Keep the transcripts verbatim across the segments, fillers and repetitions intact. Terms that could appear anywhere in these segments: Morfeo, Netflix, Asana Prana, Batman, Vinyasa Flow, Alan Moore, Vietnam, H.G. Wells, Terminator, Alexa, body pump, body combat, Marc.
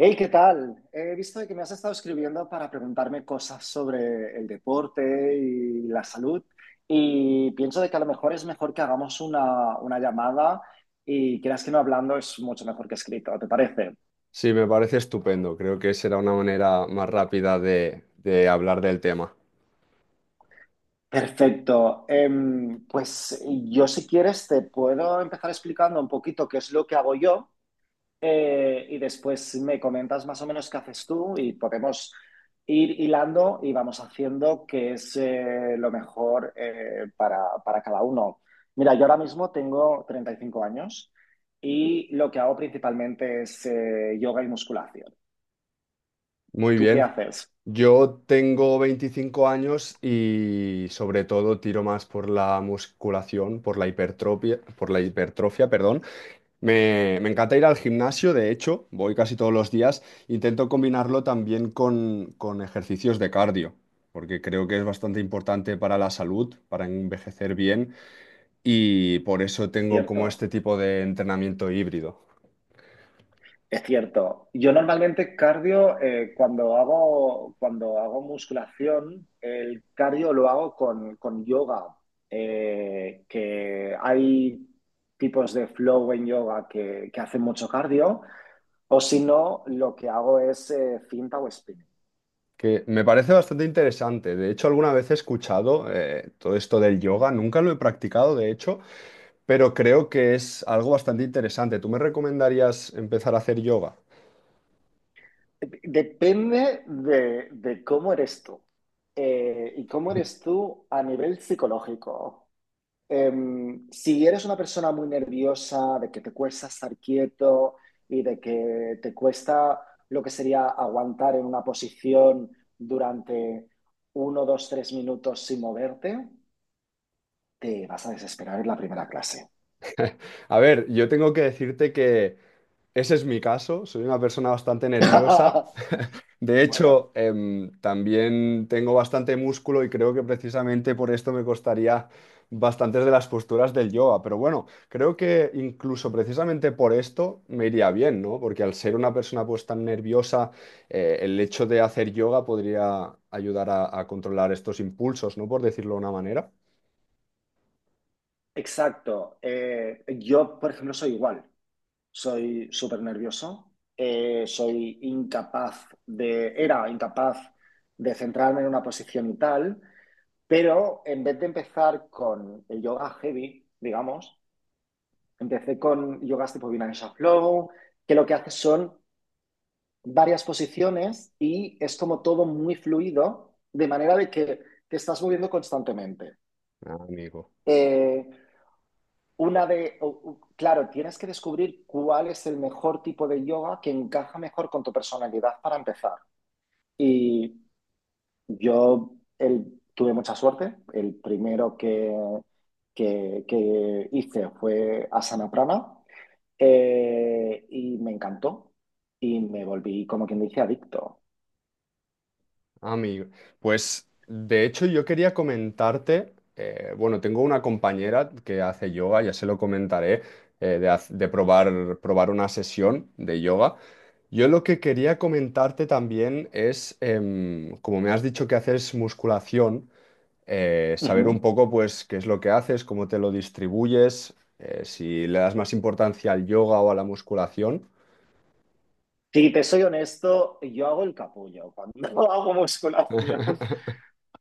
Hey, ¿qué tal? He visto de que me has estado escribiendo para preguntarme cosas sobre el deporte y la salud, y pienso de que a lo mejor es mejor que hagamos una, una llamada y creas que no hablando es mucho mejor que escrito, ¿te parece? Sí, me parece estupendo. Creo que será una manera más rápida de, de hablar del tema. Perfecto. Em, pues yo si quieres te puedo empezar explicando un poquito qué es lo que hago yo, eh, y después me comentas más o menos qué haces tú y podemos ir hilando y vamos haciendo qué es eh, lo mejor eh, para, para cada uno. Mira, yo ahora mismo tengo treinta y cinco años y lo que hago principalmente es eh, yoga y musculación. Muy ¿Tú qué bien. haces? Yo tengo veinticinco años y sobre todo tiro más por la musculación, por la hipertrofia, por la hipertrofia, perdón. Me, me encanta ir al gimnasio, de hecho, voy casi todos los días. Intento combinarlo también con, con ejercicios de cardio, porque creo que es bastante importante para la salud, para envejecer bien y por eso tengo como Cierto. este tipo de entrenamiento híbrido, Es cierto. Yo normalmente cardio, eh, cuando hago, cuando hago musculación, el cardio lo hago con, con yoga, eh, que hay tipos de flow en yoga que, que hacen mucho cardio, o si no, lo que hago es eh, finta o spinning. que me parece bastante interesante. De hecho, alguna vez he escuchado eh, todo esto del yoga, nunca lo he practicado, de hecho, pero creo que es algo bastante interesante. ¿Tú me recomendarías empezar a hacer yoga? Depende de, de cómo eres tú, eh, y cómo eres tú a nivel psicológico. Em, si eres una persona muy nerviosa, de que te cuesta estar quieto y de que te cuesta lo que sería aguantar en una posición durante uno, dos, tres minutos sin moverte, te vas a desesperar en la primera clase. A ver, yo tengo que decirte que ese es mi caso, soy una persona bastante nerviosa. De Bueno. hecho, em, también tengo bastante músculo y creo que precisamente por esto me costaría bastantes de las posturas del yoga. Pero bueno, creo que incluso precisamente por esto me iría bien, ¿no? Porque al ser una persona pues tan nerviosa, eh, el hecho de hacer yoga podría ayudar a, a controlar estos impulsos, ¿no? Por decirlo de una manera. Exacto. Eh, yo, por ejemplo, soy igual. Soy súper nervioso. Eh, soy incapaz de, era incapaz de centrarme en una posición y tal. Pero en vez de empezar con el yoga heavy, digamos, empecé con yogas tipo Vinyasa Flow, que lo que hace son varias posiciones y es como todo muy fluido, de manera de que te estás moviendo constantemente. Ah, amigo. Eh, una de, claro, tienes que descubrir cuál es el mejor tipo de yoga que encaja mejor con tu personalidad para empezar. Y yo el- tuve mucha suerte. El primero que, que, que hice fue Asana Prana, eh, y me encantó y me volví, como quien dice, adicto. Ah, amigo, pues de hecho yo quería comentarte, eh, bueno, tengo una compañera que hace yoga, ya se lo comentaré, eh, de, haz- de probar, probar una sesión de yoga. Yo lo que quería comentarte también es, em, como me has dicho que haces musculación, eh, saber un Ujú. poco pues qué es lo que haces, cómo te lo distribuyes, eh, si le das más importancia al yoga o a la musculación. Si te soy honesto, yo hago el capullo cuando hago musculación,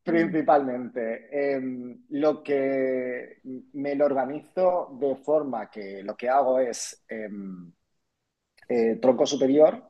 principalmente. Em, lo que, me lo organizo de forma que lo que hago es em, eh, tronco superior.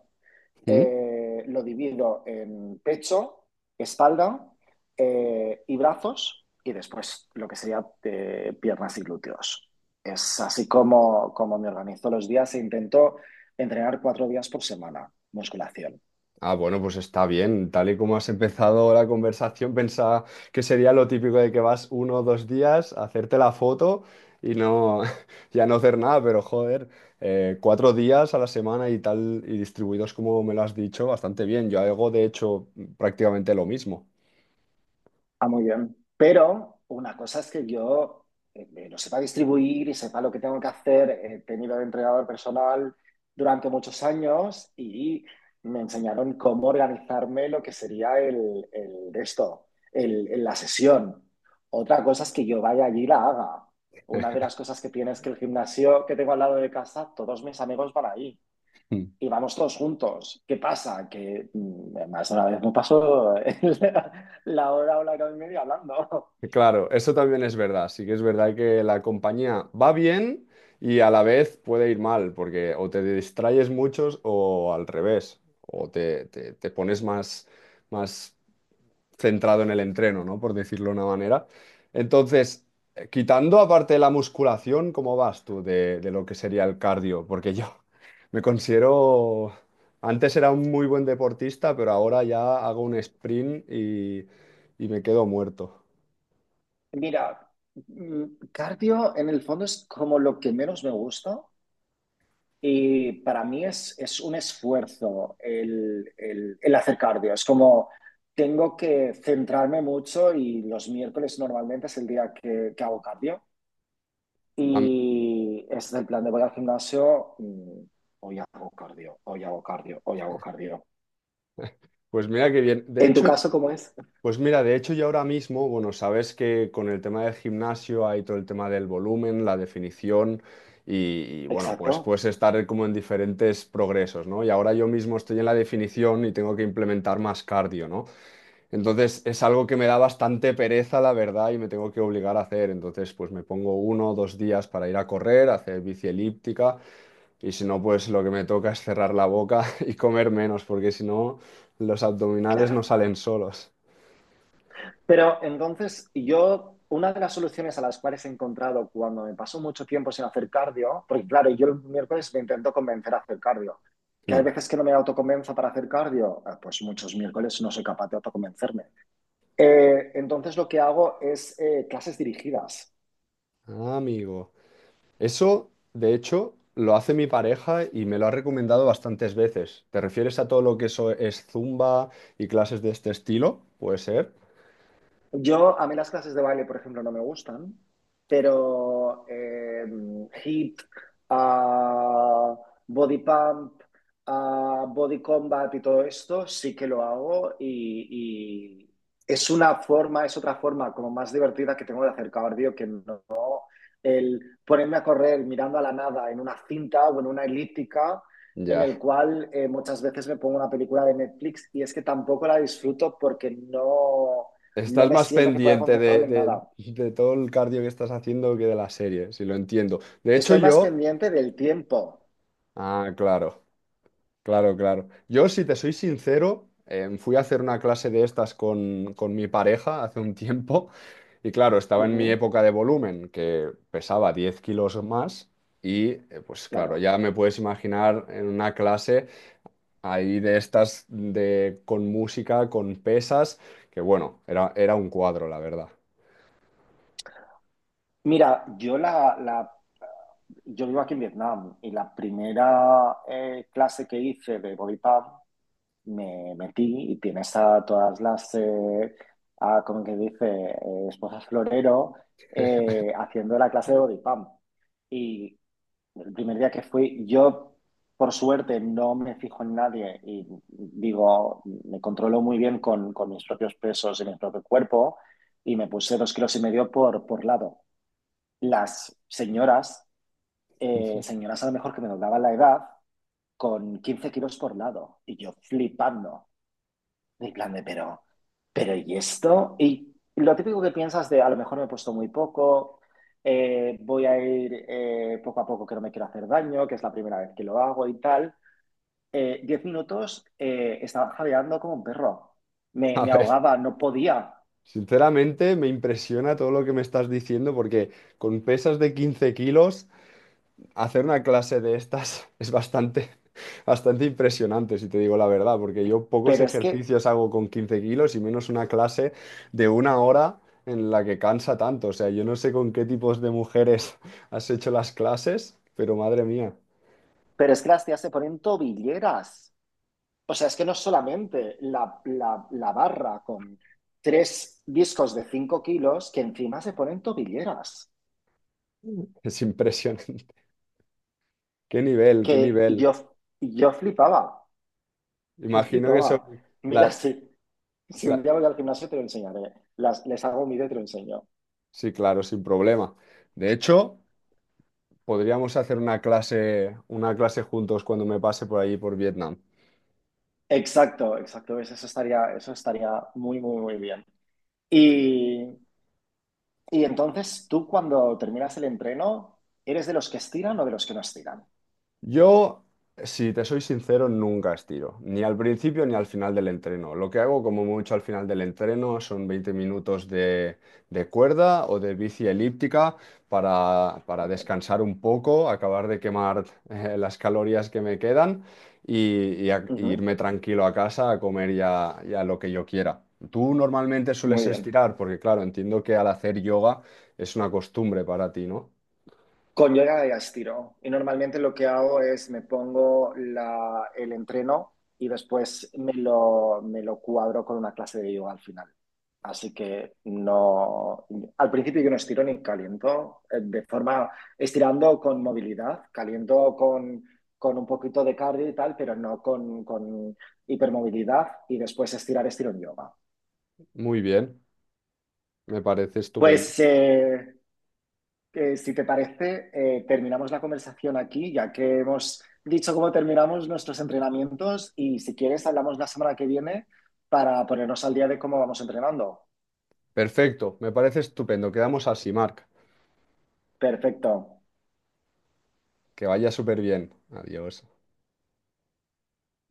eh, lo divido en pecho, espalda, eh, y brazos y después lo que sería eh, piernas y glúteos. Es así como, como me organizo los días e intento entrenar cuatro días por semana musculación. Ah, bueno, pues está bien. Tal y como has empezado la conversación, pensaba que sería lo típico de que vas uno o dos días a hacerte la foto y no, ya no hacer nada, pero joder, eh, cuatro días a la semana y tal, y distribuidos como me lo has dicho, bastante bien. Yo hago, de hecho, prácticamente lo mismo. Ah, muy bien. Pero una cosa es que yo, eh, eh, lo sepa distribuir y sepa lo que tengo que hacer. eh, He tenido de entrenador personal durante muchos años y me enseñaron cómo organizarme lo que sería el, el de esto, el, el- la sesión. Otra cosa es que yo vaya allí y la haga. Una de las cosas que tiene es que el gimnasio que tengo al lado de casa, todos mis amigos van ahí y vamos todos juntos. ¿Qué pasa? Que mm, más de una vez me pasó la hora o la hora y media hablando. Claro, eso también es verdad. Sí que es verdad que la compañía va bien y a la vez puede ir mal, porque o te distraes muchos o al revés, o te, te- te pones más, más centrado en el entreno, ¿no? Por decirlo de una manera. Entonces, eh, quitando aparte la musculación, ¿cómo vas tú de, de lo que sería el cardio? Porque yo me considero... Antes era un muy buen deportista, pero ahora ya hago un sprint y, y me quedo muerto. Mira, mm, cardio en el fondo es como lo que menos me gusta y para mí es, es un esfuerzo el, el, el hacer cardio. Es como tengo que centrarme mucho y los miércoles normalmente es el día que, que hago cardio y es del plan de voy al gimnasio. mm, Hoy hago cardio, hoy hago cardio, hoy hago cardio. Pues mira qué bien. De En tu hecho, caso, ¿cómo es? pues mira, de hecho yo ahora mismo, bueno, sabes que con el tema del gimnasio hay todo el tema del volumen, la definición y, y, bueno, pues Exacto, puedes estar como en diferentes progresos, ¿no? Y ahora yo mismo estoy en la definición y tengo que implementar más cardio, ¿no? Entonces es algo que me da bastante pereza, la verdad, y me tengo que obligar a hacer. Entonces, pues me pongo uno o dos días para ir a correr, a hacer bici elíptica y si no, pues lo que me toca es cerrar la boca y comer menos, porque si no, los abdominales no claro. salen solos. Pero entonces yo, una de las soluciones a las cuales he encontrado cuando me pasó mucho tiempo sin hacer cardio, porque claro, yo el miércoles me intento convencer a hacer cardio, que hay Mm. veces que no me autoconvenzo para hacer cardio, eh, pues muchos miércoles no soy capaz de autoconvencerme. Eh, entonces lo que hago es eh, clases dirigidas. Ah, amigo. Eso, de hecho, lo hace mi pareja y me lo ha recomendado bastantes veces. ¿Te refieres a todo lo que eso es zumba y clases de este estilo? Puede ser. Yo, a mí las clases de baile, por ejemplo, no me gustan, pero eh, hip, ah, body pump, ah, body combat y todo esto sí que lo hago y, y es una forma, es otra forma como más divertida que tengo de hacer cardio que no el ponerme a correr mirando a la nada en una cinta o en una elíptica en Ya. el cual eh, muchas veces me pongo una película de Netflix y es que tampoco la disfruto porque no, no Estás me más siento que pueda pendiente de, concentrarme en de- nada. de todo el cardio que estás haciendo que de la serie, si lo entiendo. De hecho, Estoy más yo... pendiente del tiempo. Ah, claro. Claro, claro. Yo, si te soy sincero, em, fui a hacer una clase de estas con, con mi pareja hace un tiempo y claro, estaba en mi Ujú. época de volumen, que pesaba diez kilos más y eh, pues claro, Claro. ya me puedes imaginar en una clase ahí de estas de, con música, con pesas, que bueno, era, era un cuadro, la verdad. Mira, yo la, la- yo vivo aquí en Vietnam y la primera eh, clase que hice de body pump me metí y tienes a todas las, eh, a, como que dice, eh, esposas florero eh, haciendo la clase de body pump. Y el primer día que fui, yo por suerte no me fijo en nadie y digo, me controlo muy bien con, con mis propios pesos y mi propio cuerpo y me puse dos kilos y medio por, por lado. Las señoras, eh, señoras a lo mejor que me doblaban la edad, con quince kilos por lado y yo flipando. En plan de, pero, pero ¿y esto? Y lo típico que piensas de, a lo mejor me he puesto muy poco, eh, voy a ir eh, poco a poco que no me quiero hacer daño, que es la primera vez que lo hago y tal. Eh, diez minutos eh, estaba jadeando como un perro. Me, A me ver, ahogaba, no podía. sinceramente me impresiona todo lo que me estás diciendo porque con pesas de quince kilos hacer una clase de estas es bastante, bastante impresionante, si te digo la verdad, porque yo pocos Pero es que, ejercicios hago con quince kilos y menos una clase de una hora en la que cansa tanto. O sea, yo no sé con qué tipos de mujeres has hecho las clases, pero madre mía, pero es que las tías se ponen tobilleras. O sea, es que no solamente la, la, la barra con tres discos de cinco kilos, que encima se ponen tobilleras. es impresionante. Qué nivel, qué Que nivel. yo, yo flipaba, yo Imagino que son flipaba. Mira, la, si, si un la- día voy al gimnasio te lo enseñaré, Las- les hago un vídeo y te lo enseño. Sí, claro, sin problema. De hecho, podríamos hacer una clase, una clase juntos cuando me pase por allí por Vietnam. Exacto, exacto, ¿ves? Eso estaría, eso estaría muy, muy, muy bien. Y, y entonces, tú cuando terminas el entreno, ¿eres de los que estiran o de los que no estiran? Yo, si te soy sincero, nunca estiro, ni al principio ni al final del entreno. Lo que hago como mucho al final del entreno son veinte minutos de, de cuerda o de bici elíptica para, para Muy bien. descansar un poco, acabar de quemar eh, las calorías que me quedan y, y a- y Ujú. irme tranquilo a casa a comer ya, ya lo que yo quiera. Tú normalmente Muy sueles bien. estirar, porque claro, entiendo que al hacer yoga es una costumbre para ti, ¿no? Con yoga de gastiro. Y normalmente lo que hago es me pongo la- el entreno y después me lo, me lo cuadro con una clase de yoga al final. Así que no, al principio yo no estiro ni caliento, eh, de forma estirando con movilidad, caliento con, con un poquito de cardio y tal, pero no con, con hipermovilidad y después estirar estiro en yoga. Muy bien, me parece estupendo. Pues eh, que si te parece, eh, terminamos la conversación aquí, ya que hemos dicho cómo terminamos nuestros entrenamientos y si quieres, hablamos la semana que viene para ponernos al día de cómo vamos entrenando. Perfecto, me parece estupendo. Quedamos así, Marc. Perfecto. Que vaya súper bien. Adiós.